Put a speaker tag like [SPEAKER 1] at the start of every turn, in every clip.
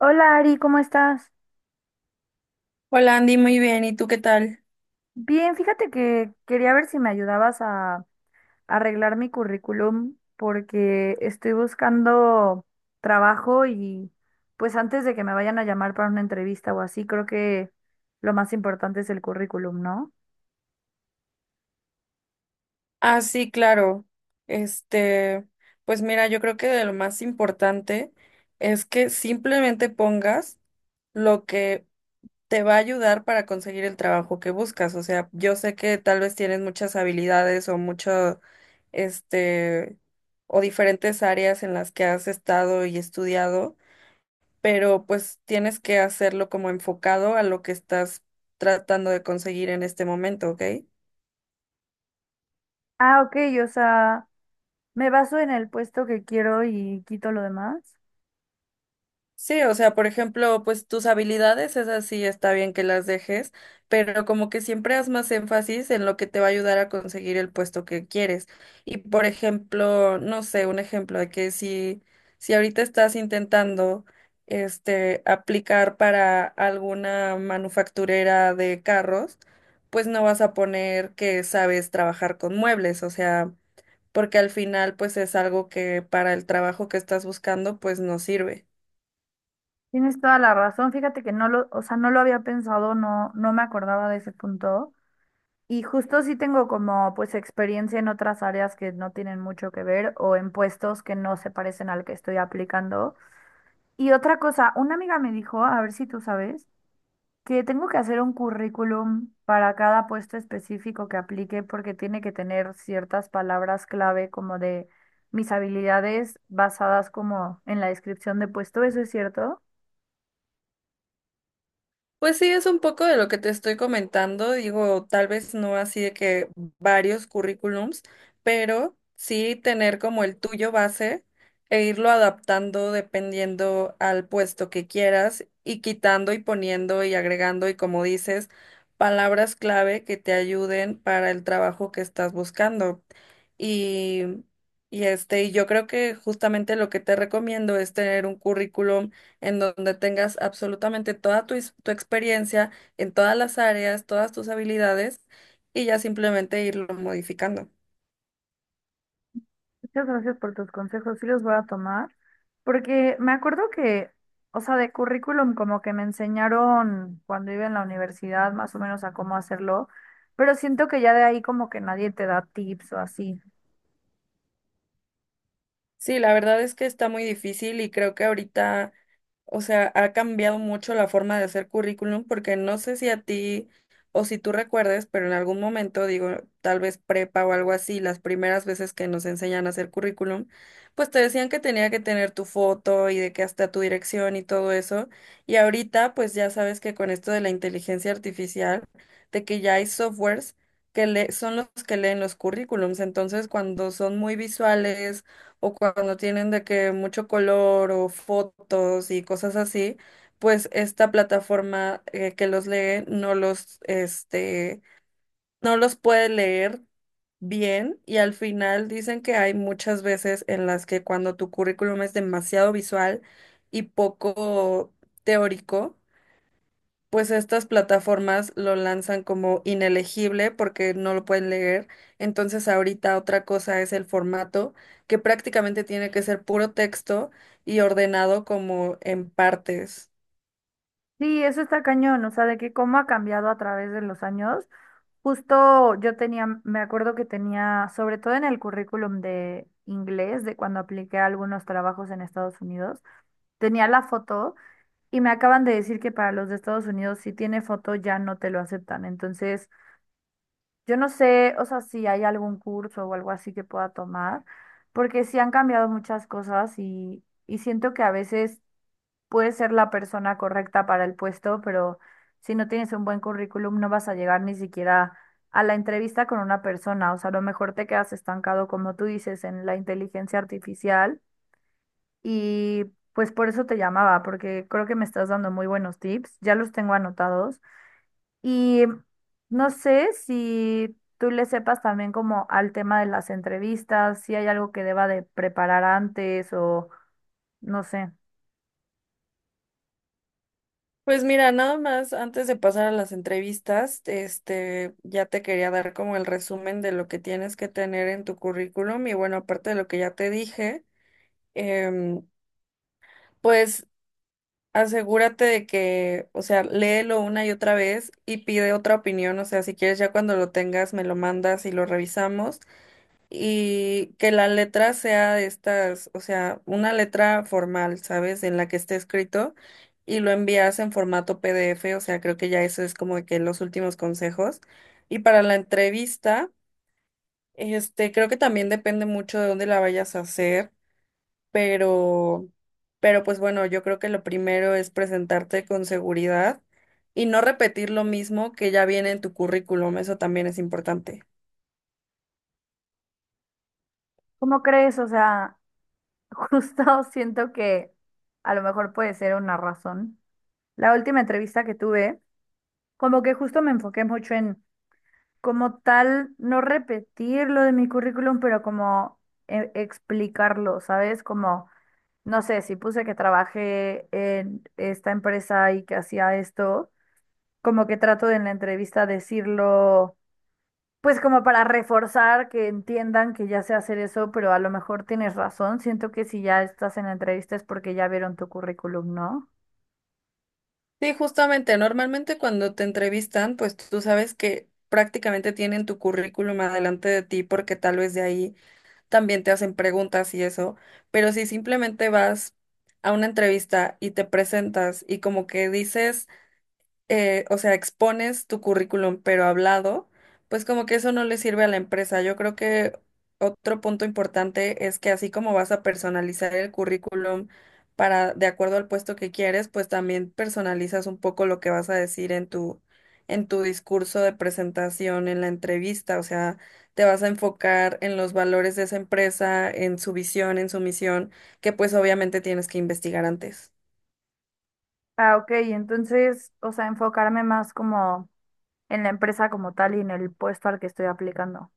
[SPEAKER 1] Hola Ari, ¿cómo estás?
[SPEAKER 2] Hola Andy, muy bien. ¿Y tú qué tal?
[SPEAKER 1] Bien, fíjate que quería ver si me ayudabas a arreglar mi currículum porque estoy buscando trabajo y pues antes de que me vayan a llamar para una entrevista o así, creo que lo más importante es el currículum, ¿no?
[SPEAKER 2] Ah, sí, claro. Este, pues mira, yo creo que lo más importante es que simplemente pongas lo que te va a ayudar para conseguir el trabajo que buscas. O sea, yo sé que tal vez tienes muchas habilidades o mucho, este, o diferentes áreas en las que has estado y estudiado, pero pues tienes que hacerlo como enfocado a lo que estás tratando de conseguir en este momento, ¿ok?
[SPEAKER 1] Ah, ok, o sea, me baso en el puesto que quiero y quito lo demás.
[SPEAKER 2] Sí, o sea, por ejemplo, pues tus habilidades, esas sí está bien que las dejes, pero como que siempre haz más énfasis en lo que te va a ayudar a conseguir el puesto que quieres. Y por ejemplo, no sé, un ejemplo de que si ahorita estás intentando aplicar para alguna manufacturera de carros, pues no vas a poner que sabes trabajar con muebles, o sea, porque al final pues es algo que para el trabajo que estás buscando pues no sirve.
[SPEAKER 1] Tienes toda la razón, fíjate que o sea, no lo había pensado, no me acordaba de ese punto. Y justo sí tengo como pues experiencia en otras áreas que no tienen mucho que ver o en puestos que no se parecen al que estoy aplicando. Y otra cosa, una amiga me dijo, a ver si tú sabes, que tengo que hacer un currículum para cada puesto específico que aplique porque tiene que tener ciertas palabras clave como de mis habilidades basadas como en la descripción de puesto. ¿Eso es cierto?
[SPEAKER 2] Pues sí, es un poco de lo que te estoy comentando. Digo, tal vez no así de que varios currículums, pero sí tener como el tuyo base e irlo adaptando dependiendo al puesto que quieras y quitando y poniendo y agregando y como dices, palabras clave que te ayuden para el trabajo que estás buscando. Y, y yo creo que justamente lo que te recomiendo es tener un currículum en donde tengas absolutamente toda tu, tu experiencia en todas las áreas, todas tus habilidades y ya simplemente irlo modificando.
[SPEAKER 1] Muchas gracias por tus consejos, sí los voy a tomar, porque me acuerdo que, o sea, de currículum como que me enseñaron cuando iba en la universidad más o menos a cómo hacerlo, pero siento que ya de ahí como que nadie te da tips o así.
[SPEAKER 2] Sí, la verdad es que está muy difícil y creo que ahorita... O sea, ha cambiado mucho la forma de hacer currículum porque no sé si a ti o si tú recuerdes, pero en algún momento, digo, tal vez prepa o algo así, las primeras veces que nos enseñan a hacer currículum, pues te decían que tenía que tener tu foto y de que hasta tu dirección y todo eso. Y ahorita, pues ya sabes que con esto de la inteligencia artificial, de que ya hay softwares que le son los que leen los currículums, entonces cuando son muy visuales o cuando tienen de que mucho color o fotos y cosas así, pues esta plataforma que los lee no los puede leer bien y al final dicen que hay muchas veces en las que cuando tu currículum es demasiado visual y poco teórico, pues estas plataformas lo lanzan como inelegible porque no lo pueden leer. Entonces ahorita otra cosa es el formato, que prácticamente tiene que ser puro texto y ordenado como en partes.
[SPEAKER 1] Sí, eso está cañón, o sea, de que cómo ha cambiado a través de los años. Justo yo tenía, me acuerdo que tenía, sobre todo en el currículum de inglés, de cuando apliqué a algunos trabajos en Estados Unidos, tenía la foto. Y me acaban de decir que para los de Estados Unidos, si tiene foto, ya no te lo aceptan. Entonces, yo no sé, o sea, si hay algún curso o algo así que pueda tomar, porque sí han cambiado muchas cosas y siento que a veces puedes ser la persona correcta para el puesto, pero si no tienes un buen currículum, no vas a llegar ni siquiera a la entrevista con una persona. O sea, a lo mejor te quedas estancado, como tú dices, en la inteligencia artificial y pues por eso te llamaba, porque creo que me estás dando muy buenos tips, ya los tengo anotados. Y no sé si tú le sepas también como al tema de las entrevistas, si hay algo que deba de preparar antes o no sé.
[SPEAKER 2] Pues mira, nada más antes de pasar a las entrevistas, ya te quería dar como el resumen de lo que tienes que tener en tu currículum y bueno, aparte de lo que ya te dije, em, pues asegúrate de que, o sea, léelo una y otra vez y pide otra opinión, o sea, si quieres ya cuando lo tengas me lo mandas y lo revisamos y que la letra sea de estas, o sea, una letra formal, ¿sabes? En la que esté escrito y lo envías en formato PDF, o sea, creo que ya eso es como de que los últimos consejos. Y para la entrevista, creo que también depende mucho de dónde la vayas a hacer pero, pero pues bueno, yo creo que lo primero es presentarte con seguridad y no repetir lo mismo que ya viene en tu currículum, eso también es importante.
[SPEAKER 1] ¿Cómo crees? O sea, justo siento que a lo mejor puede ser una razón. La última entrevista que tuve, como que justo me enfoqué mucho en como tal, no repetir lo de mi currículum, pero como explicarlo, ¿sabes? Como, no sé, si puse que trabajé en esta empresa y que hacía esto, como que trato de en la entrevista decirlo, pues como para reforzar que entiendan que ya sé hacer eso, pero a lo mejor tienes razón. Siento que si ya estás en la entrevista es porque ya vieron tu currículum, ¿no?
[SPEAKER 2] Sí, justamente, normalmente cuando te entrevistan, pues tú sabes que prácticamente tienen tu currículum adelante de ti porque tal vez de ahí también te hacen preguntas y eso, pero si simplemente vas a una entrevista y te presentas y como que dices o sea, expones tu currículum, pero hablado, pues como que eso no le sirve a la empresa. Yo creo que otro punto importante es que así como vas a personalizar el currículum para, de acuerdo al puesto que quieres, pues también personalizas un poco lo que vas a decir en tu discurso de presentación, en la entrevista. O sea, te vas a enfocar en los valores de esa empresa, en su visión, en su misión, que pues obviamente tienes que investigar antes.
[SPEAKER 1] Ah, ok, entonces, o sea, enfocarme más como en la empresa como tal y en el puesto al que estoy aplicando.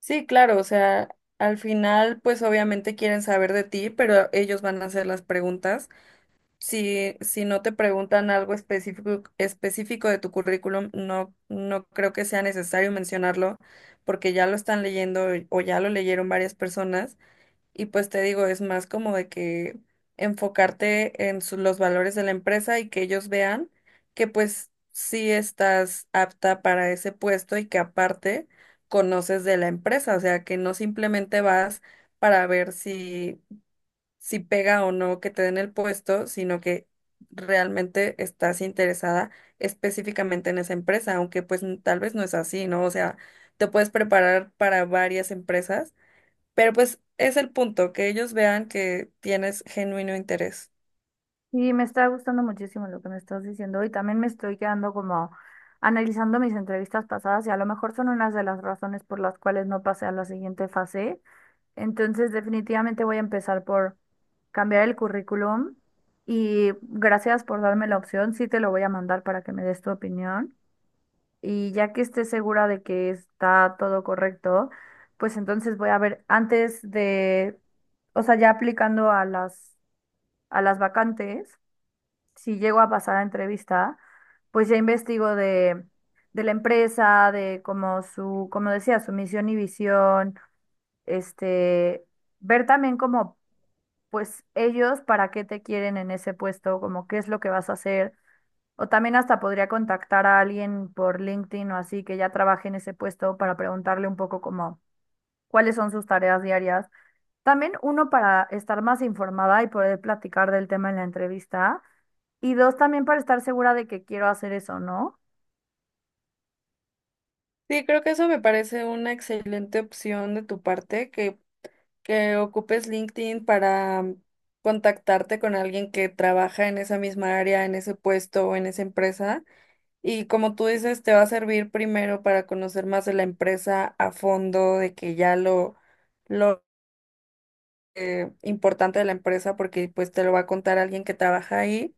[SPEAKER 2] Sí, claro, o sea, al final, pues obviamente quieren saber de ti, pero ellos van a hacer las preguntas. Si, no te preguntan algo específico, específico de tu currículum, no creo que sea necesario mencionarlo, porque ya lo están leyendo o ya lo leyeron varias personas. Y pues te digo, es más como de que enfocarte en los valores de la empresa y que ellos vean que pues sí estás apta para ese puesto y que aparte conoces de la empresa, o sea, que no simplemente vas para ver si pega o no que te den el puesto, sino que realmente estás interesada específicamente en esa empresa, aunque pues tal vez no es así, ¿no? O sea, te puedes preparar para varias empresas pero pues es el punto, que ellos vean que tienes genuino interés.
[SPEAKER 1] Sí, me está gustando muchísimo lo que me estás diciendo y también me estoy quedando como analizando mis entrevistas pasadas y a lo mejor son unas de las razones por las cuales no pasé a la siguiente fase. Entonces, definitivamente voy a empezar por cambiar el currículum y gracias por darme la opción. Sí te lo voy a mandar para que me des tu opinión y ya que esté segura de que está todo correcto, pues entonces voy a ver antes de, o sea, ya aplicando a a las vacantes si llego a pasar a entrevista, pues ya investigo de la empresa, de como su, como decía, su misión y visión, este, ver también como, pues ellos para qué te quieren en ese puesto, como qué es lo que vas a hacer. O también hasta podría contactar a alguien por LinkedIn o así que ya trabaje en ese puesto para preguntarle un poco como cuáles son sus tareas diarias. También uno para estar más informada y poder platicar del tema en la entrevista. Y dos, también para estar segura de que quiero hacer eso, ¿no?
[SPEAKER 2] Sí, creo que eso me parece una excelente opción de tu parte, que ocupes LinkedIn para contactarte con alguien que trabaja en esa misma área, en ese puesto o en esa empresa. Y como tú dices, te va a servir primero para conocer más de la empresa a fondo, de que ya lo importante de la empresa, porque pues te lo va a contar alguien que trabaja ahí.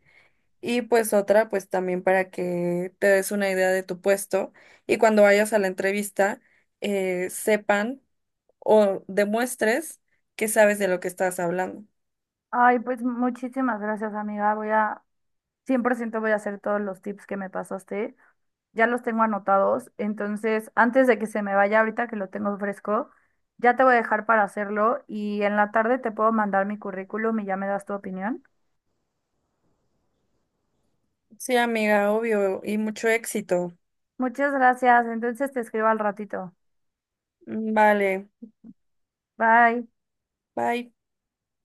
[SPEAKER 2] Y pues otra, pues también para que te des una idea de tu puesto y cuando vayas a la entrevista sepan o demuestres que sabes de lo que estás hablando.
[SPEAKER 1] Ay, pues muchísimas gracias, amiga. 100% voy a hacer todos los tips que me pasaste. Ya los tengo anotados. Entonces, antes de que se me vaya ahorita que lo tengo fresco, ya te voy a dejar para hacerlo y en la tarde te puedo mandar mi currículum y ya me das tu opinión.
[SPEAKER 2] Sí, amiga, obvio, y mucho éxito.
[SPEAKER 1] Muchas gracias. Entonces te escribo al ratito.
[SPEAKER 2] Mm, vale,
[SPEAKER 1] Bye.
[SPEAKER 2] bye.